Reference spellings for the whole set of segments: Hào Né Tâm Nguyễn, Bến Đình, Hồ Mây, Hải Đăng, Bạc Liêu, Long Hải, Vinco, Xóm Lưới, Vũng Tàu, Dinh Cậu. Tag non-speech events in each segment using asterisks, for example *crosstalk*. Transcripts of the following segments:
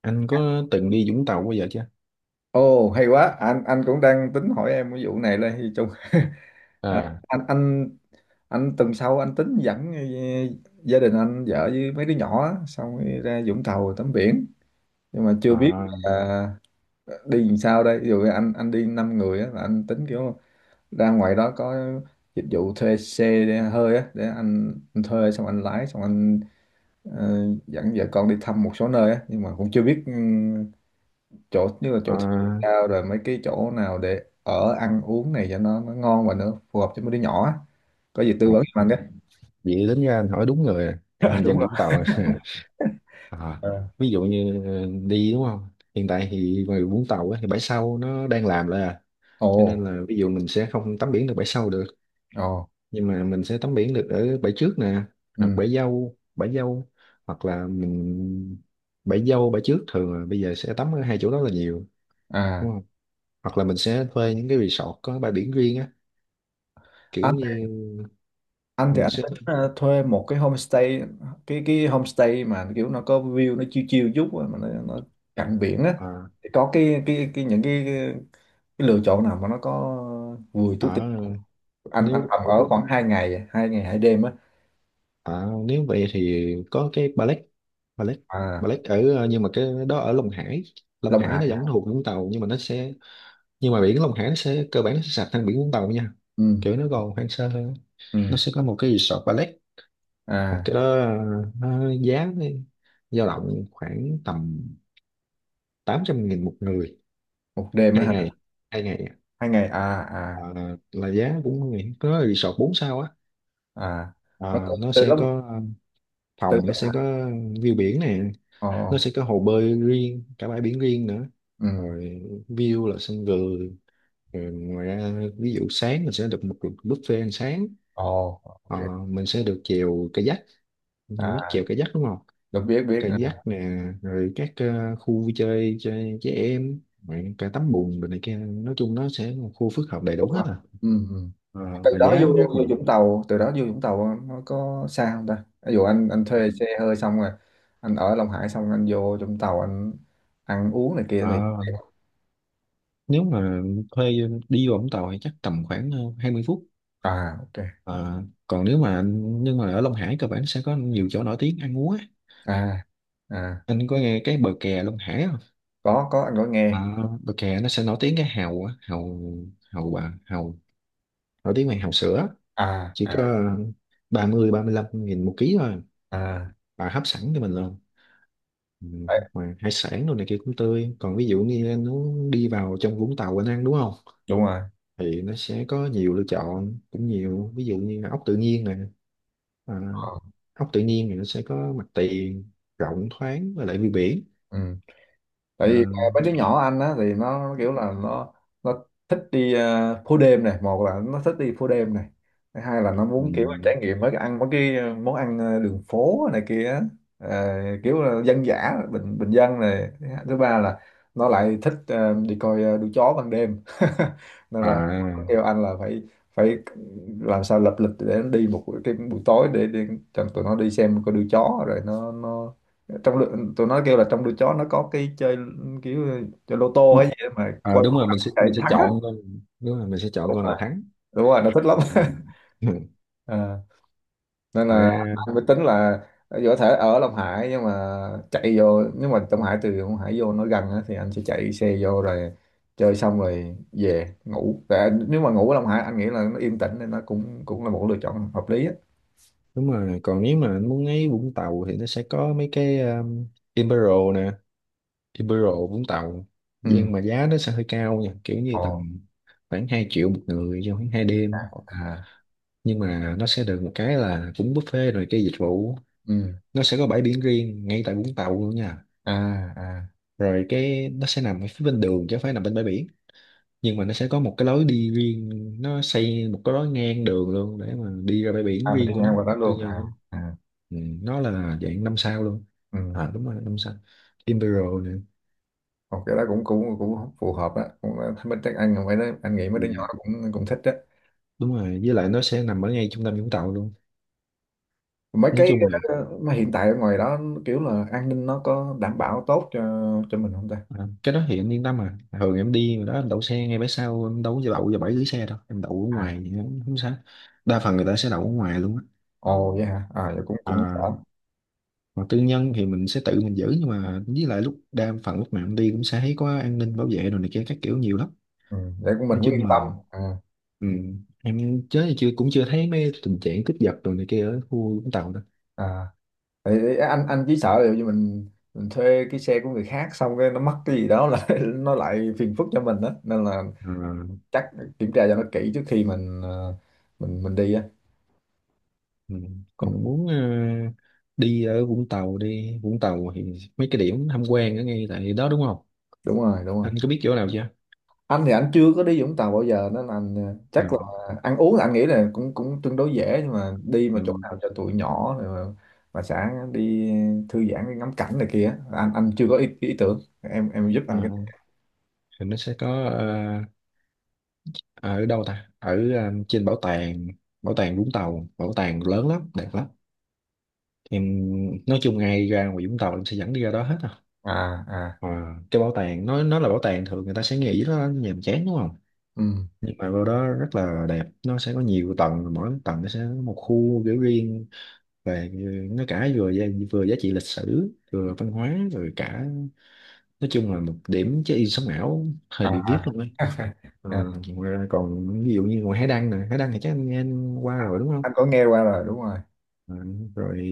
Anh có từng đi Vũng Tàu bao giờ chưa? Ồ hay quá, anh cũng đang tính hỏi em cái vụ này là thì chung à. À, Anh anh anh tuần sau anh tính dẫn gia đình anh, vợ với mấy đứa nhỏ á, xong rồi ra Vũng Tàu tắm biển nhưng mà chưa biết à, là đi làm sao đây. Ví dụ anh đi 5 người á, là anh tính kiểu ra ngoài đó có dịch vụ thuê xe để hơi á, để anh thuê xong anh lái xong anh ờ, dẫn vợ con đi thăm một số nơi á, nhưng mà cũng chưa biết chỗ như là chỗ thuê à, cao rồi mấy cái chỗ nào để ở ăn uống này cho nó ngon và nó phù hợp cho mấy đứa nhỏ á, có gì tư à. vấn cho anh đấy. *laughs* Vậy đến ra anh hỏi đúng người à. Em Đúng dân rồi. Vũng Tàu à. *laughs* À, Ờ. ví dụ như đi đúng không? Hiện tại thì ngoài Vũng Tàu á, thì bãi sau nó đang làm lại à. Ồ. Cho nên là ví dụ mình sẽ không tắm biển được bãi sau được. Ồ. Nhưng mà mình sẽ tắm biển được ở bãi trước nè. Hoặc Ừ. bãi dâu, bãi dâu. Hoặc là mình bãi dâu, bãi trước thường là bây giờ sẽ tắm ở hai chỗ đó là nhiều. Đúng À. không? Hoặc là mình sẽ thuê những cái resort có bãi biển riêng á. Kiểu anh thì- như anh thì mình anh sẽ tính thuê một cái homestay, cái homestay mà kiểu nó có view, nó chill chill chút á, mà nó cạnh biển á, à, thì có cái những cái lựa chọn nào mà nó có vùi túi tiền không? à Anh nếu tầm ở khoảng hai ngày hai đêm á. Nếu vậy thì có cái ballet ballet À. ballet ở nhưng mà cái đó ở Long Hải. Long Long Hải Hải. nó vẫn thuộc Vũng Tàu nhưng mà nó sẽ nhưng mà biển Long Hải nó sẽ cơ bản nó sẽ sạch hơn biển Vũng Tàu nha, Ừ. kiểu nó còn hoang sơ hơn. Ừ. Nó sẽ có một cái resort ballet. Mà À, cái đó nó giá nó dao động khoảng tầm 800.000 một người, một đêm á hai hả? ngày 2 ngày. Hai ngày À. À. À, là giá cũng có có resort 4 sao á. À. Mà À, từ, nó từ sẽ lúc có từ phòng, nó lúc sẽ có à. view biển nè, Ồ. nó sẽ có hồ bơi riêng cả bãi biển riêng nữa, Ừ. rồi view là sân vườn, rồi ngoài ra ví dụ sáng mình sẽ được một cuộc buffet ăn sáng. Ồ. Ok. Ờ, mình sẽ được chèo kayak, mình biết À, chèo kayak đúng không, được, biết biết à. kayak nè rồi các khu vui chơi cho trẻ em, rồi cả tắm bùn rồi này kia, nói chung nó sẽ là một khu phức hợp đầy đủ Đúng rồi. hết à. Ừ, ừ. Ờ, và giá rất là Từ đó vô Vũng Tàu nó có xa không ta? Ví dụ anh thuê xe hơi xong rồi anh ở Long Hải xong anh vô Vũng Tàu anh ăn uống này kia ờ, thì nếu mà thuê đi vào Vũng Tàu thì chắc tầm khoảng 20 phút. à, ok. Ờ, còn nếu mà anh nhưng mà ở Long Hải cơ bản sẽ có nhiều chỗ nổi tiếng ăn uống á. À. À. Anh có nghe cái bờ kè Long Hải không? Có anh có Ờ, nghe. bờ kè nó sẽ nổi tiếng cái hàu á, hàu, hàu bà hàu, nổi tiếng về hàu sữa, À. chỉ À. có ba ba mươi 35.000 một ký thôi, À. bà hấp sẵn cho mình luôn. Ừ, Đấy, mà hải sản đồ này kia cũng tươi. Còn ví dụ như anh muốn đi vào trong Vũng Tàu anh ăn đúng không, đúng rồi. thì nó sẽ có nhiều lựa chọn cũng nhiều, ví dụ như là ốc tự nhiên nè. À, Ờ. ốc tự nhiên thì nó sẽ có mặt tiền rộng thoáng với lại view biển. Ừ. Tại À, vì mấy đứa nhỏ anh á, thì nó kiểu là nó thích đi phố đêm này. Một là nó thích đi phố đêm này, thứ hai là nó muốn kiểu trải ừm, nghiệm mấy cái ăn mấy cái à, món ăn đường phố này kia á, kiểu là dân dã, bình bình dân này, thứ ba là nó lại thích đi coi đua chó ban đêm. *laughs* Nên là à, nó kêu anh là phải phải làm sao lập lịch để nó đi một cái buổi tối để cho tụi nó đi xem coi đua chó, rồi nó trong lượt, tụi nó kêu là trong đuôi chó nó có cái chơi kiểu chơi lô tô hay gì đó mà à, coi đúng con rồi nào chạy mình sẽ thắng á. chọn thôi. Đúng rồi mình sẽ chọn Đúng con nào rồi, thắng. đúng rồi, nó thích lắm. *laughs* Ừm. *laughs* Ờ, nên là Ra, anh mới tính là dù có thể ở Long Hải nhưng mà chạy vô nhưng mà Long Hải từ Long Hải vô nó gần á, thì anh sẽ chạy xe vô rồi chơi xong rồi về ngủ. Nếu mà ngủ ở Long Hải anh nghĩ là nó yên tĩnh nên nó cũng cũng là một lựa chọn hợp lý á. đúng rồi, còn nếu mà muốn ấy Vũng Tàu thì nó sẽ có mấy cái Imperial nè, Imperial Vũng Tàu, Ừ. nhưng mà giá nó sẽ hơi cao nha, kiểu như Ồ. tầm khoảng 2 triệu một người trong khoảng 2 đêm, À. nhưng mà nó sẽ được một cái là cũng buffet rồi cái dịch vụ, Ừ. nó sẽ có bãi biển riêng ngay tại Vũng Tàu luôn nha, À. À. rồi cái nó sẽ nằm ở phía bên đường chứ không phải nằm bên bãi biển, nhưng mà nó sẽ có một cái lối đi riêng, nó xây một cái lối ngang đường luôn để mà đi ra bãi biển À. Mình riêng đi của nó, ngang qua đó tư luôn nhân à? lắm. À. Ừ, nó là dạng năm sao luôn, Ừ. à đúng rồi năm sao, Imperial nè. Học cái đó cũng cũng cũng phù hợp á, cũng thích, mấy anh không phải nói anh nghĩ mấy Ừ, đứa nhỏ cũng cũng thích á, đúng rồi với lại nó sẽ nằm ở ngay trung tâm Vũng Tàu luôn, mấy nói cái chung là... mà hiện tại ở ngoài đó kiểu là an ninh nó có đảm bảo tốt cho mình không ta? À, cái đó thì anh yên tâm à, thường em đi đó em đậu xe ngay bãi sau, em đâu có đậu vào bãi dưới xe đâu, em đậu ở À. ngoài thì không, không sao. Đa phần người ta sẽ đậu ở ngoài luôn á. Ồ vậy hả? À, vậy cũng cũng À, ổn. còn tư nhân thì mình sẽ tự mình giữ, nhưng mà với lại lúc đa phần lúc nào em đi cũng sẽ thấy có an ninh bảo vệ rồi này kia các kiểu nhiều lắm, Ừ, để của mình nói cũng chung yên là... tâm. À, Ừ, em chớ chưa cũng chưa thấy mấy tình trạng cướp giật rồi này kia ở khu Vũng Tàu đâu. à. Thì anh chỉ sợ ví dụ như mình thuê cái xe của người khác xong cái nó mất cái gì đó là *laughs* nó lại phiền phức cho mình đó, nên là À, chắc kiểm tra cho nó kỹ trước khi mình ờ, mình đi á. ừ. Ừ, Còn muốn đi ở Vũng Tàu đi Vũng Tàu thì mấy cái điểm tham quan ở ngay tại đó đúng không, đúng rồi, đúng rồi. anh có biết chỗ nào chưa? Anh thì anh chưa có đi Vũng Tàu bao giờ nên anh chắc là Ừ, ăn uống là anh nghĩ là cũng cũng tương đối dễ, nhưng mà đi mà ừ, chỗ nào cho tụi nhỏ rồi mà sẽ đi thư giãn, đi ngắm cảnh này kia, anh chưa có ý tưởng, em giúp ờ, anh cái này. thì nó sẽ có à, ở đâu ta ở trên bảo tàng, bảo tàng Vũng Tàu, bảo tàng lớn lắm đẹp lắm, thì nói chung ngay ra ngoài Vũng Tàu em sẽ dẫn đi ra đó hết à. À. À. Ờ, cái bảo tàng nó là bảo tàng, thường người ta sẽ nghĩ nó nhàm chán đúng không, Ừ. nhưng mà vào đó rất là đẹp, nó sẽ có nhiều tầng, mỗi tầng nó sẽ có một khu kiểu riêng về nó cả vừa vừa giá trị lịch sử vừa văn hóa rồi cả, nói chung là một điểm check-in sống ảo hơi À, bị vip luôn á. à. Ờ, *laughs* ngoài ra còn ví dụ như ngoài Hải Đăng nè, Hải Đăng thì chắc anh qua À, rồi đúng không. anh có nghe qua rồi, đúng rồi. Ờ, rồi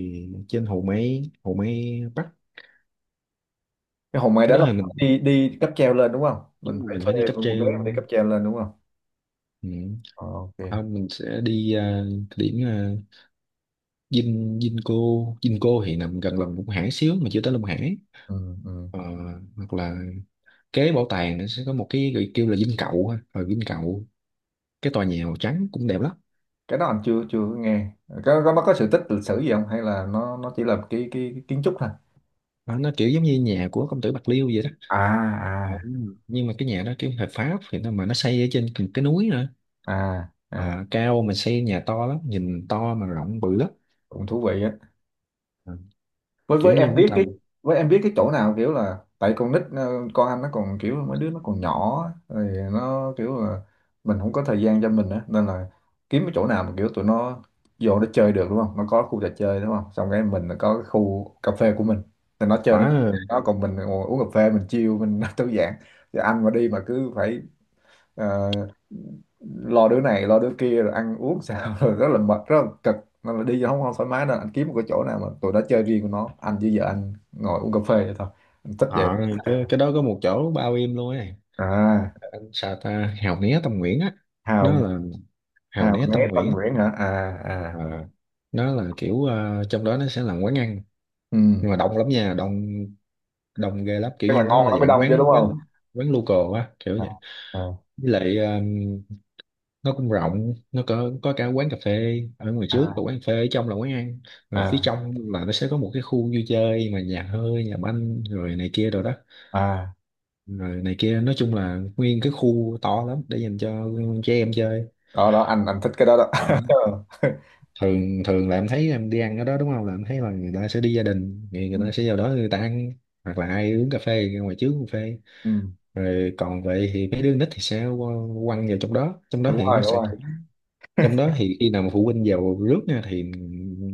trên Hồ Mây, Hồ Mây Bắc, Cái Hòn Mây cái đó đó là thì mình đi đi cáp treo lên đúng không, mình đúng là phải mình phải đi thuê cáp một vé mà đi treo. cáp treo lên đúng không? Ừ. Ờ, ok. Không, mình sẽ đi à, cái điểm Vin Vinco, Vinco thì nằm gần lòng Long Hải xíu mà chưa tới Long Hải. Ừ, ừ. Ờ, hoặc là kế bảo tàng nó sẽ có một cái gọi kêu là Dinh Cậu ha. Rồi Dinh Cậu, cái tòa nhà màu trắng cũng đẹp lắm. Cái đó anh chưa chưa có nghe. Có nó có sự tích lịch sử gì không hay là nó chỉ là cái kiến trúc thôi? Ờ, nó kiểu giống như nhà của công tử Bạc Liêu vậy đó. À. Ờ, À. nhưng mà cái nhà đó kiểu hợp pháp thì nó mà nó xây ở trên cái núi nữa. À. À. À, cao mà xây nhà to lắm, nhìn to mà rộng bự lắm. Cũng thú vị á. À, với kiểu với như em Vũng biết cái Tàu. với em biết cái chỗ nào kiểu là tại con nít con anh nó còn kiểu mấy đứa nó còn nhỏ á, rồi nó kiểu là mình không có thời gian cho mình á, nên là kiếm cái chỗ nào mà kiểu tụi nó vô nó chơi được đúng không, nó có khu trò chơi đúng không, xong cái mình là có cái khu cà phê của mình thì nó chơi, nó À, nó còn mình ngồi uống cà phê mình chill mình *laughs* thư giãn, thì anh mà đi mà cứ phải Ờ, lo đứa này, lo đứa kia, rồi ăn uống sao *laughs* rồi rất là mệt, rất là cực, nên là đi vô không không thoải mái, nên anh kiếm một cái chỗ nào mà tụi nó chơi riêng của nó, anh với vợ anh ngồi uống cà phê vậy thôi, anh thích vậy. họ cái đó có một chỗ bao im luôn ấy. À, Ờ, Anh sao ta Hào Né Tâm Nguyễn á, nó hào là Hào hào Né Tâm né Tân Nguyễn. Nguyễn hả? À. À. À, nó là kiểu trong đó nó sẽ là quán ăn, Ừ, nhưng mà đông lắm nha, đông, đông ghê lắm, kiểu tức là như nó ngon là nó mới dạng đông chứ quán đúng không? quán, quán local á kiểu À. vậy. Với lại nó cũng rộng, nó có cả quán cà phê ở ngoài trước và À. quán cà phê ở trong là quán ăn, À, rồi phía à. trong là nó sẽ có một cái khu vui chơi mà nhà hơi nhà banh rồi này kia rồi đó, À. rồi này kia nói chung là nguyên cái khu to lắm để dành cho trẻ em chơi. Đó đó, anh thích cái đó đó. Đó. *laughs* Thường thường là em thấy em đi ăn ở đó đúng không, là em thấy là người ta sẽ đi gia đình thì Ừ, người ta sẽ vào đó người ta ăn, hoặc là ai uống cà phê thì ra ngoài trước uống cà phê, ừ. rồi còn vậy thì mấy đứa nít thì sẽ quăng vào trong đó, trong đó Đúng thì rồi, nó đúng sẽ rồi. cũng, trong đó thì khi nào mà phụ huynh vào rước nha thì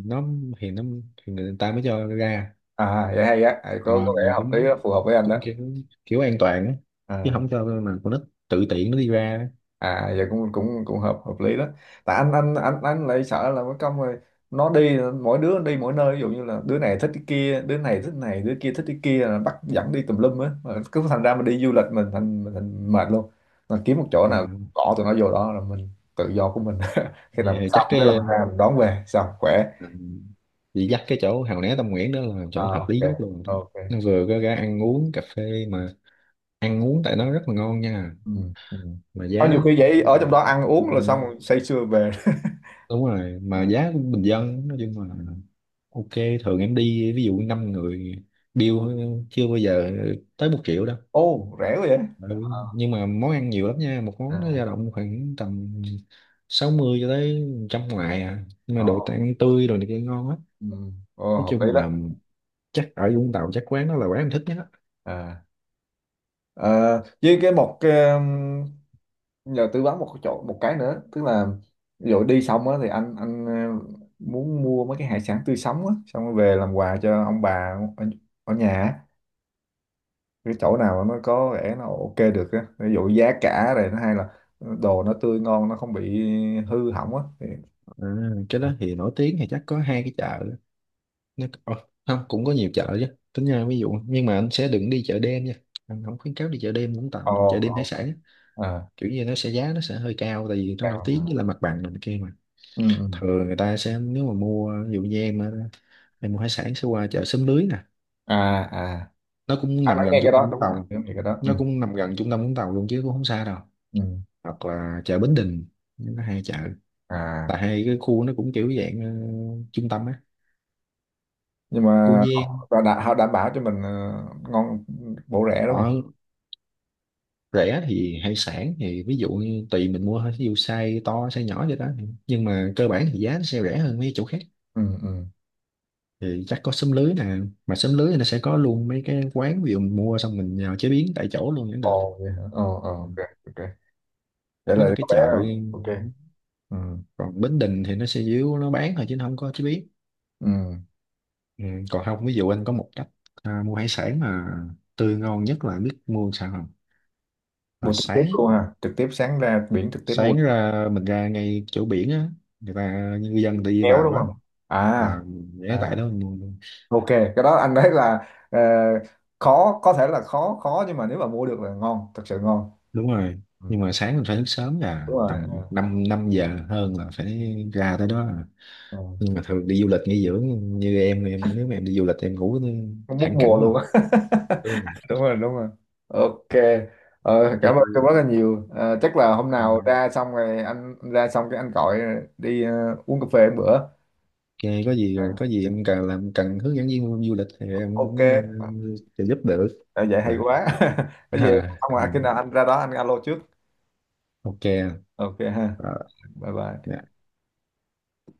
nó thì nó thì người ta mới cho ra. À, vậy hay á. À, Ờ, có vẻ mà hợp lý đó, cũng phù hợp với anh đó. cũng kiểu, kiểu an toàn á, chứ À. không cho mà con nít tự tiện nó đi ra. À, giờ cũng cũng cũng hợp hợp lý đó, tại anh lại sợ là mất công, rồi nó đi mỗi đứa đi mỗi nơi, ví dụ như là đứa này thích cái kia, đứa này thích này, đứa kia thích cái kia, là bắt dẫn đi tùm lum á, mà cứ thành ra mình đi du lịch mình thành mệt luôn, mình kiếm một chỗ Ờ, nào cỏ tụi nó vô đó là mình tự do của mình, *laughs* khi vậy nào mình thì xong chắc cái là cái mình ra mình đón về xong khỏe. chị dắt cái chỗ Hào Né Tâm Nguyễn đó là À, chỗ hợp ok. lý nhất luôn, Ok. nó vừa có ra ăn uống cà phê mà ăn uống tại nó rất là ngon nha, Ừ, ừ. mà Có giá nhiều khi nó vậy ở trong cũng đó ăn uống là xong rồi say sưa về. đúng rồi *laughs* mà À. giá cũng bình dân, nói chung là ok. Thường em đi ví dụ năm người, bill chưa bao giờ tới 1 triệu đâu. Ô, rẻ quá vậy? Ừ. Nhưng mà món ăn nhiều lắm nha, một món nó dao À. động khoảng tầm 60 cho tới trăm ngoài à, nhưng mà Ờ. đồ ăn tươi rồi này kia ngon á, Ừ. Ồ, nói hợp lý chung đó. là chắc ở Vũng Tàu chắc quán đó là quán em thích nhất á. À, à, với một cái, nhờ tư vấn một cái chỗ một cái nữa, tức là ví dụ đi xong á thì anh muốn mua mấy cái hải sản tươi sống á, xong rồi về làm quà cho ông bà ở nhà á. Cái chỗ nào mà nó có vẻ nó ok được á, ví dụ giá cả này nó hay là đồ nó tươi ngon nó không bị hư hỏng á thì... À, cái đó thì nổi tiếng thì chắc có hai cái chợ, nó không cũng có nhiều chợ chứ tính ra ví dụ, nhưng mà anh sẽ đừng đi chợ đêm nha, anh không khuyến cáo đi chợ đêm Vũng Tàu Ồ. đâu. Chợ đêm hải Ồ. sản À, kiểu như nó sẽ giá nó sẽ hơi cao tại vì nó nổi tiếng với cao. là mặt bằng này kia mà. Ừ, ừ. Thường người ta sẽ nếu mà mua ví dụ như em á, em mua hải sản sẽ qua chợ Xóm Lưới nè, À. À, nó cũng anh đã nằm gần nghe trung cái tâm đó, Vũng đúng rồi, Tàu, anh nghe cái đó. Ừ, nó cũng nằm gần trung tâm Vũng Tàu luôn chứ cũng không xa đâu. ừ. Hoặc là chợ Bến Đình, nó hai chợ là À, hai cái khu nó cũng kiểu dạng trung tâm á. nhưng Cô mà Giang họ họ đã, họ đảm bảo cho mình ngon, bổ, rẻ đúng không? họ rẻ thì hải sản thì ví dụ như tùy mình mua thôi ví dụ size to size nhỏ vậy đó, nhưng mà cơ bản thì giá nó sẽ rẻ hơn mấy chỗ khác. Ừ. Ừ. Thì chắc có xóm lưới nè, mà xóm lưới thì nó sẽ có luôn mấy cái quán ví dụ mình mua xong mình nhào chế biến tại chỗ luôn cũng được. Ồ vậy hả? Ồ. Ồ. Ừ. Ok. Ok, vậy Nó là là cái có vẻ chợ, ok. Ừ. còn Bến Đình thì nó sẽ díu nó bán thôi chứ nó không có chế biến. Ừ. Ừ. Còn không ví dụ anh có một cách à, mua hải sản mà tươi ngon nhất là biết mua sao không, là Mua trực tiếp sáng, luôn ha, trực tiếp, sáng ra biển trực tiếp mua sáng ra mình ra ngay chỗ biển á, người ta người dân tự đi kéo vào đúng á. không? À. À, ghé tại À, đó mình mua. ok, cái đó anh thấy là khó, có thể là khó, khó nhưng mà nếu mà mua được là ngon, thật sự ngon. Đúng rồi, Ừ. nhưng mà sáng mình phải thức sớm là Đúng rồi. tầm Ờ. 5 năm giờ hơn là phải ra tới đó à. Ờ. Nhưng mà thường đi du lịch nghỉ dưỡng như em nếu mà em đi du lịch em ngủ Không mất thẳng mùa cẳng luôn. luôn. Ừ. Đúng rồi, đúng rồi. Ok. Cảm ơn Ok. tôi rất là nhiều. Ờ, chắc là hôm nào ra xong rồi anh ra xong cái anh gọi đi uống cà phê một bữa. Ok, Ờ, có gì em cần làm cần hướng dẫn viên du lịch thì em ok. cũng sẽ giúp được. Ờ, vậy hay À, quá. *laughs* *laughs* Có gì à, không mà khi nào anh ra đó anh alo trước. ok. Ok ha. Ờ, Bye bye. dạ.